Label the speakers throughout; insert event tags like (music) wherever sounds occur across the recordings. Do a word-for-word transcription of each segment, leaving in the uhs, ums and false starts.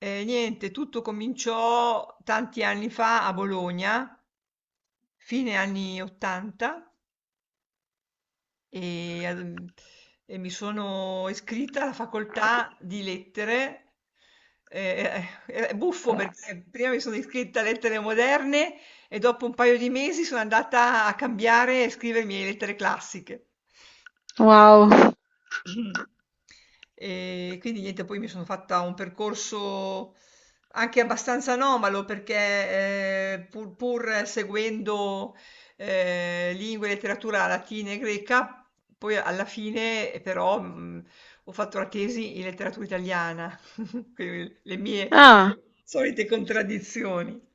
Speaker 1: E niente, tutto cominciò tanti anni fa a Bologna, fine anni ottanta. E, ehm, e mi sono iscritta alla facoltà di lettere. Eh, eh, è buffo perché prima mi sono iscritta a lettere moderne e dopo un paio di mesi sono andata a cambiare e scrivermi le lettere classiche.
Speaker 2: Wow!
Speaker 1: (laughs) Mh-mh. E quindi niente, poi mi sono fatta un percorso anche abbastanza anomalo perché, ehm, pur pur seguendo, ehm, lingue e letteratura latina e greca, poi alla fine eh, però, mhmm, ho fatto la tesi in letteratura italiana, (laughs) quindi le mie
Speaker 2: Ah!
Speaker 1: solite contraddizioni.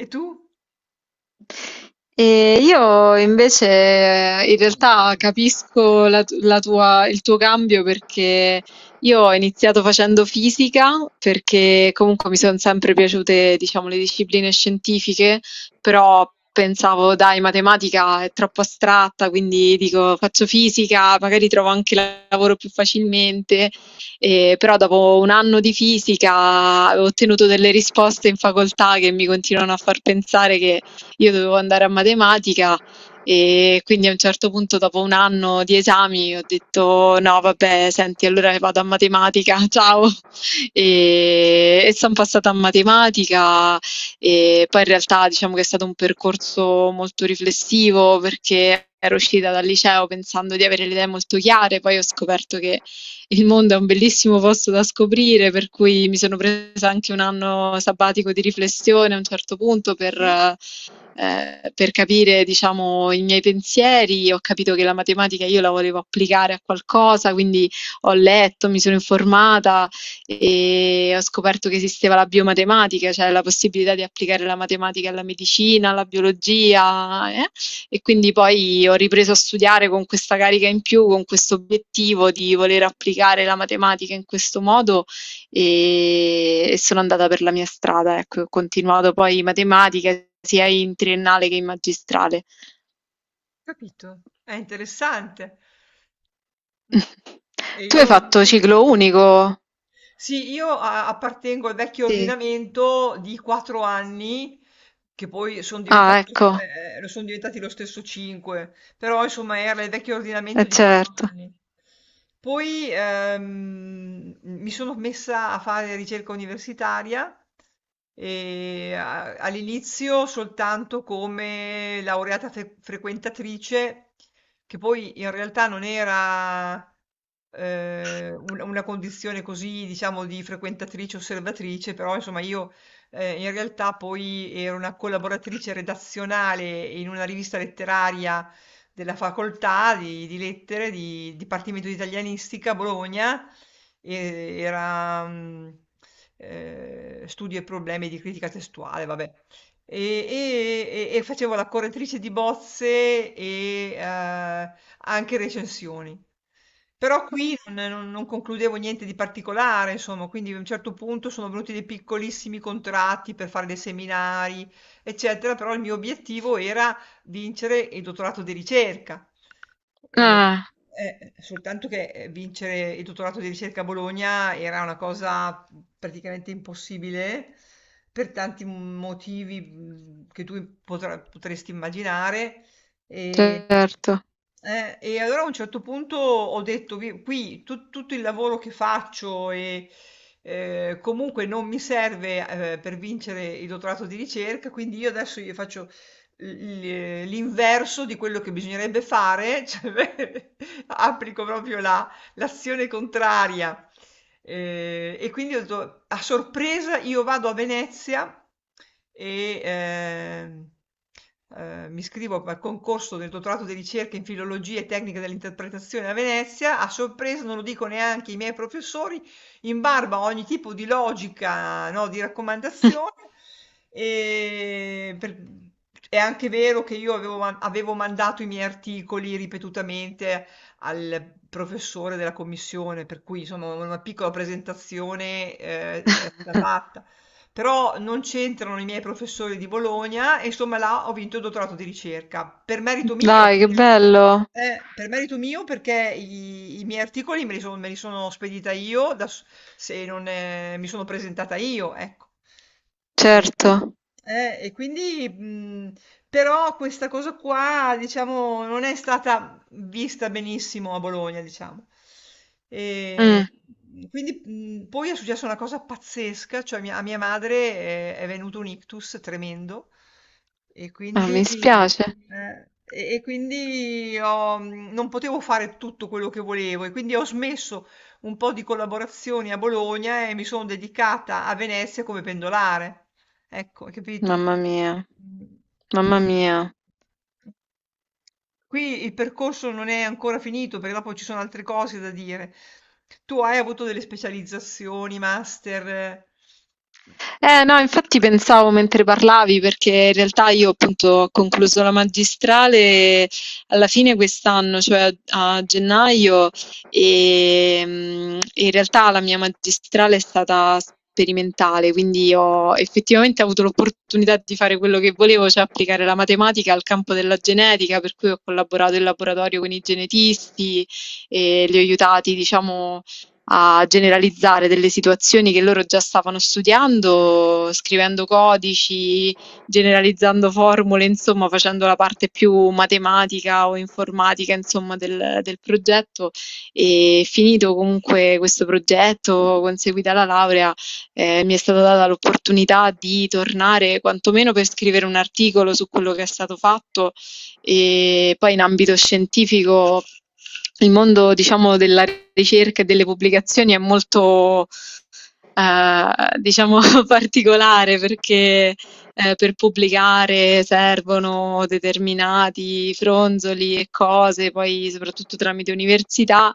Speaker 1: E tu?
Speaker 2: E io invece eh, in realtà capisco la tu- la tua- il tuo cambio perché io ho iniziato facendo fisica perché comunque mi sono sempre piaciute, diciamo, le discipline scientifiche, però pensavo, dai, matematica è troppo astratta, quindi dico faccio fisica, magari trovo anche la- lavoro più facilmente. E però dopo un anno di fisica ho ottenuto delle risposte in facoltà che mi continuano a far pensare io dovevo andare a matematica, e quindi a un certo punto dopo un anno di esami ho detto no, vabbè, senti, allora vado a matematica (laughs) ciao, e, e sono passata a matematica. E poi in realtà diciamo che è stato un percorso molto riflessivo perché ero uscita dal liceo pensando di avere le idee molto chiare, poi ho scoperto che il mondo è un bellissimo posto da scoprire, per cui mi sono presa anche un anno sabbatico di riflessione a un certo punto per,
Speaker 1: Sì,
Speaker 2: eh, per capire, diciamo, i miei pensieri. Ho capito che la matematica io la volevo applicare a qualcosa, quindi ho letto, mi sono informata e ho scoperto che esisteva la biomatematica, cioè la possibilità di applicare la matematica alla medicina, alla biologia. È e quindi poi ho ripreso a studiare con questa carica in più, con questo obiettivo di voler applicare la matematica in questo modo, e, e sono andata per la mia strada, ecco, ho continuato poi matematica sia in triennale che in magistrale.
Speaker 1: capito, è interessante.
Speaker 2: (laughs)
Speaker 1: E
Speaker 2: Tu hai
Speaker 1: io
Speaker 2: fatto ciclo unico?
Speaker 1: sì, io a appartengo al vecchio
Speaker 2: Sì.
Speaker 1: ordinamento di quattro anni, che poi son
Speaker 2: Ah,
Speaker 1: diventati
Speaker 2: ecco,
Speaker 1: eh, eh, lo son diventati lo stesso cinque, però insomma era il vecchio ordinamento
Speaker 2: eh,
Speaker 1: di quattro
Speaker 2: certo.
Speaker 1: anni. Poi ehm, mi sono messa a fare ricerca universitaria e a- all'inizio soltanto come laureata fre- frequentatrice, che poi in realtà non era eh, un- una condizione così, diciamo, di frequentatrice osservatrice, però insomma io eh, in realtà poi ero una collaboratrice redazionale in una rivista letteraria della facoltà di, di lettere di Dipartimento di Italianistica a Bologna, e- era mm, eh, studio e problemi di critica testuale, vabbè. E, e- e- e facevo la correttrice di bozze e, eh, anche recensioni. Però qui non, non- non concludevo niente di particolare, insomma, quindi a un certo punto sono venuti dei piccolissimi contratti per fare dei seminari, eccetera, però il mio obiettivo era vincere il dottorato di ricerca. Eh,
Speaker 2: Ah,
Speaker 1: eh, soltanto che eh, vincere il dottorato di ricerca a Bologna era una cosa praticamente impossibile per tanti motivi, mh, che tu potra- potresti immaginare. E,
Speaker 2: certo.
Speaker 1: eh, e allora a un certo punto ho detto, "Vi- qui tu- tutto il lavoro che faccio e, eh, comunque non mi serve, eh, per vincere il dottorato di ricerca, quindi io adesso io faccio l- l'inverso di quello che bisognerebbe fare, (laughs) cioè, applico proprio la- l'azione contraria. Eh, e quindi ho detto, a sorpresa io vado a Venezia e ehm, eh, mi iscrivo al concorso del dottorato di ricerca in filologia e tecnica dell'interpretazione a Venezia. A sorpresa non lo dico neanche ai miei professori, in barba a ogni tipo di logica, no, di raccomandazione. E per- È anche vero che io avevo, man- avevo mandato i miei articoli ripetutamente al professore della commissione, per cui insomma una piccola presentazione, eh, è stata
Speaker 2: (laughs)
Speaker 1: fatta. Però non c'entrano i miei professori di Bologna e insomma là ho vinto il dottorato di ricerca, per merito mio,
Speaker 2: Dai, che
Speaker 1: perché,
Speaker 2: bello.
Speaker 1: eh, per merito mio, perché i, i miei articoli me li, son- me li sono spedita io, da s- se non eh, mi sono presentata io, ecco. E,
Speaker 2: Certo.
Speaker 1: eh, e quindi, mh, però questa cosa qua, diciamo, non è stata vista benissimo a Bologna, diciamo. E
Speaker 2: Mm.
Speaker 1: quindi, mh, poi è successa una cosa pazzesca, cioè mia- a mia madre, eh, è venuto un ictus tremendo e
Speaker 2: Ah, mi
Speaker 1: quindi,
Speaker 2: spiace.
Speaker 1: eh, e- e quindi ho- non potevo fare tutto quello che volevo e quindi ho smesso un po' di collaborazioni a Bologna e mi sono dedicata a Venezia come pendolare. Ecco, hai capito?
Speaker 2: Mamma mia,
Speaker 1: Mm.
Speaker 2: mamma
Speaker 1: E...
Speaker 2: mia.
Speaker 1: Qui il percorso non è ancora finito, perché dopo ci sono altre cose da dire. Tu hai avuto delle specializzazioni, master? Eh?
Speaker 2: Eh no, infatti pensavo mentre parlavi, perché in realtà io appunto ho concluso la magistrale alla fine quest'anno, cioè a gennaio, e mm, in realtà la mia magistrale è stata sperimentale, quindi ho effettivamente avuto l'opportunità di fare quello che volevo, cioè applicare la matematica al campo della genetica, per cui ho collaborato in laboratorio con i genetisti e li ho aiutati, diciamo, a generalizzare delle situazioni che loro già stavano studiando, scrivendo codici, generalizzando formule, insomma, facendo la parte più matematica o informatica, insomma, del, del progetto. E finito comunque questo progetto, conseguita la laurea, eh, mi è stata data l'opportunità di tornare quantomeno per scrivere un articolo su quello che è stato fatto, e poi in ambito scientifico il mondo, diciamo, della ricerca e delle pubblicazioni è molto ehm, diciamo (laughs) particolare perché, ehm, per pubblicare servono determinati fronzoli e cose, poi soprattutto tramite università,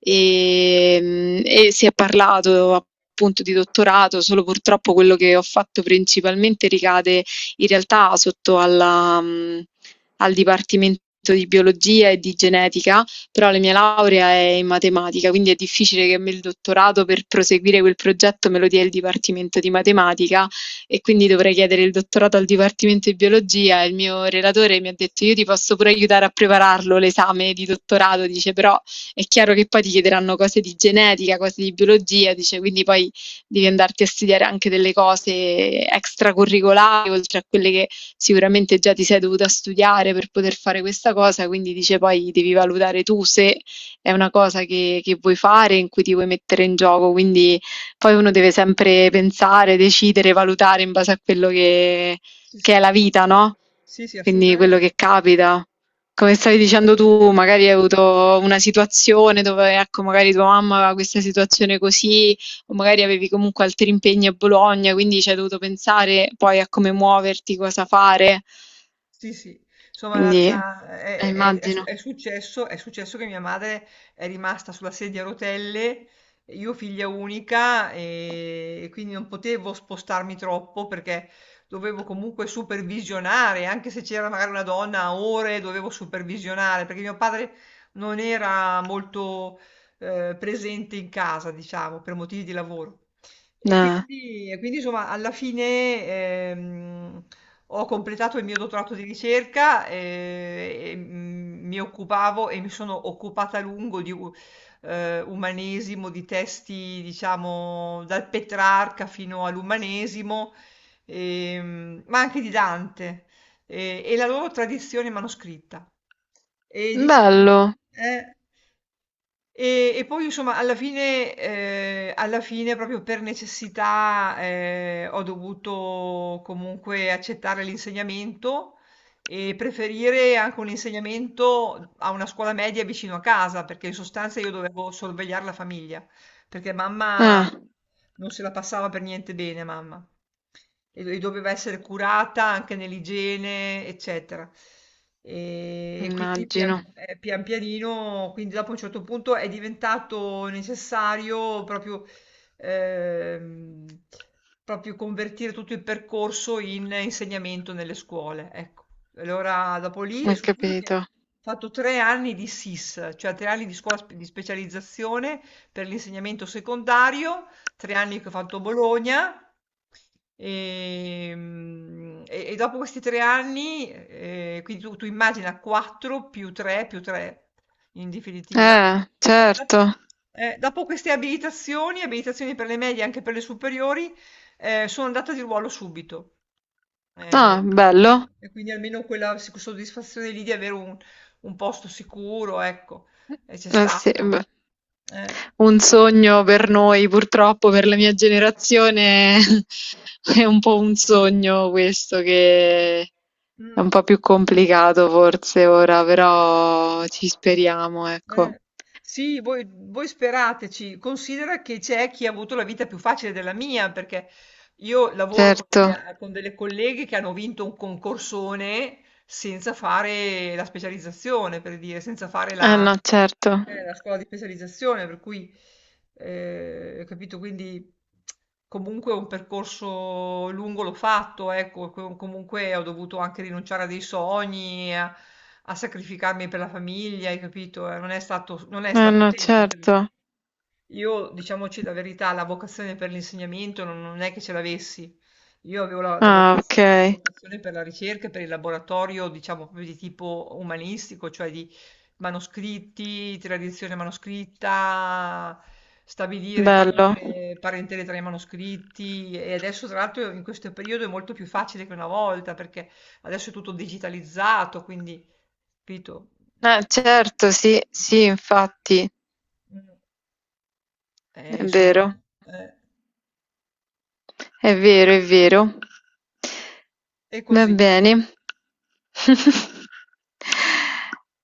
Speaker 2: ehm, e si è parlato appunto di dottorato, solo purtroppo quello che ho fatto principalmente ricade in realtà sotto alla mhmm, al dipartimento di biologia e di genetica, però la mia laurea è in matematica, quindi è difficile che a me il dottorato per proseguire quel progetto me lo dia il Dipartimento di Matematica, e quindi dovrei chiedere il dottorato al Dipartimento di Biologia. Il mio relatore mi ha detto io ti posso pure aiutare a prepararlo l'esame di dottorato, dice però è chiaro che poi ti chiederanno cose di genetica, cose di biologia, dice quindi poi devi andarti a studiare anche delle cose extracurricolari oltre a quelle che sicuramente già ti sei dovuta studiare per poter fare questa cosa, quindi dice poi devi valutare tu se è una cosa che, che vuoi fare, in cui ti vuoi mettere in gioco, quindi poi uno deve sempre pensare, decidere, valutare in base a quello che,
Speaker 1: Sì,
Speaker 2: che è
Speaker 1: sì,
Speaker 2: la vita, no?
Speaker 1: sì, sì,
Speaker 2: Quindi quello
Speaker 1: assolutamente,
Speaker 2: che capita. Come stavi dicendo
Speaker 1: assolutamente.
Speaker 2: tu, magari hai avuto una situazione dove, ecco, magari tua mamma aveva questa situazione così o magari avevi comunque altri impegni a Bologna, quindi ci hai dovuto pensare poi a come muoverti, cosa fare.
Speaker 1: Sì, sì, insomma la-
Speaker 2: Quindi,
Speaker 1: la-
Speaker 2: eh,
Speaker 1: è, è- è su-
Speaker 2: immagino.
Speaker 1: è successo, è successo che mia madre è rimasta sulla sedia a rotelle, io figlia unica, e, e quindi non potevo spostarmi troppo perché dovevo comunque supervisionare, anche se c'era magari una donna a ore, dovevo supervisionare perché mio padre non era molto, eh, presente in casa, diciamo, per motivi di lavoro. E
Speaker 2: Eh,
Speaker 1: quindi, e quindi, insomma, alla fine ehm, ho completato il mio dottorato di ricerca, eh, e, mm, mi occupavo e mi sono occupata a lungo di u- eh, umanesimo, di testi, diciamo, dal Petrarca fino all'umanesimo, ehm, ma anche di Dante, eh, e la loro tradizione manoscritta. E diciamo,
Speaker 2: bello.
Speaker 1: eh, Ehm, e poi insomma alla fine, ehm, alla fine proprio per necessità, ehm, ho dovuto comunque accettare l'insegnamento e preferire anche un insegnamento a una scuola media vicino a casa, perché in sostanza io dovevo sorvegliare la famiglia, perché mamma
Speaker 2: Eh,
Speaker 1: non se la passava per niente bene mamma. E e doveva essere curata anche nell'igiene, eccetera. Ehm, e quindi
Speaker 2: immagino.
Speaker 1: pian ehm, pian pianino, quindi dopo a un certo punto è diventato necessario proprio, ehm, proprio convertire tutto il percorso in insegnamento nelle scuole, ecco. Allora dopo lì è
Speaker 2: Ho
Speaker 1: successo che
Speaker 2: capito.
Speaker 1: ho fatto tre anni di S I S, cioè tre anni di scuola sp di specializzazione per l'insegnamento secondario, tre anni che ho fatto Bologna. Ehm, E, e dopo questi tre anni, eh, quindi tu, tu immagina quattro più tre più tre in definitiva.
Speaker 2: Eh,
Speaker 1: Eh, dop-
Speaker 2: certo.
Speaker 1: eh, dopo queste abilitazioni, abilitazioni per le medie e anche per le superiori, eh, sono andata di ruolo subito. Eh,
Speaker 2: Ah, bello.
Speaker 1: eh, e quindi almeno quella sic- soddisfazione lì di avere un, un posto sicuro, ecco, eh, c'è
Speaker 2: Eh sì,
Speaker 1: stata.
Speaker 2: beh,
Speaker 1: Eh,
Speaker 2: un sogno per noi, purtroppo per la mia generazione (laughs) è un po' un sogno questo che è un
Speaker 1: mm.
Speaker 2: po' più complicato forse ora, però ci speriamo, ecco.
Speaker 1: Eh, sì, voi voi sperateci. Considera che c'è chi ha avuto la vita più facile della mia, perché io lavoro con
Speaker 2: Certo,
Speaker 1: delle, con delle colleghe che hanno vinto un concorsone senza fare la specializzazione, per dire, senza fare
Speaker 2: eh
Speaker 1: la...
Speaker 2: no, certo,
Speaker 1: È la scuola di specializzazione, per cui, eh, ho capito, quindi comunque un percorso lungo l'ho fatto, ecco, com- comunque ho dovuto anche rinunciare a dei sogni, a, a sacrificarmi per la famiglia, hai capito? Eh, Non è stato, non è
Speaker 2: eh
Speaker 1: stato
Speaker 2: no,
Speaker 1: semplice.
Speaker 2: certo.
Speaker 1: Io, diciamoci la verità, la vocazione per l'insegnamento non, non è che ce l'avessi. Io avevo la, la voca-
Speaker 2: Ah, ok,
Speaker 1: la vocazione per la ricerca, e per il laboratorio, diciamo proprio di tipo umanistico, cioè di manoscritti, tradizione manoscritta, stabilire
Speaker 2: bello.
Speaker 1: parentele, parentele tra i manoscritti. E adesso, tra l'altro, in questo periodo è molto più facile che una volta, perché adesso è tutto digitalizzato, quindi, capito?
Speaker 2: Eh,
Speaker 1: Eh,
Speaker 2: certo, sì, sì, infatti,
Speaker 1: mm. Eh,
Speaker 2: è
Speaker 1: insomma,
Speaker 2: vero,
Speaker 1: eh,
Speaker 2: è vero, è vero.
Speaker 1: è
Speaker 2: Va
Speaker 1: così.
Speaker 2: bene. (laughs)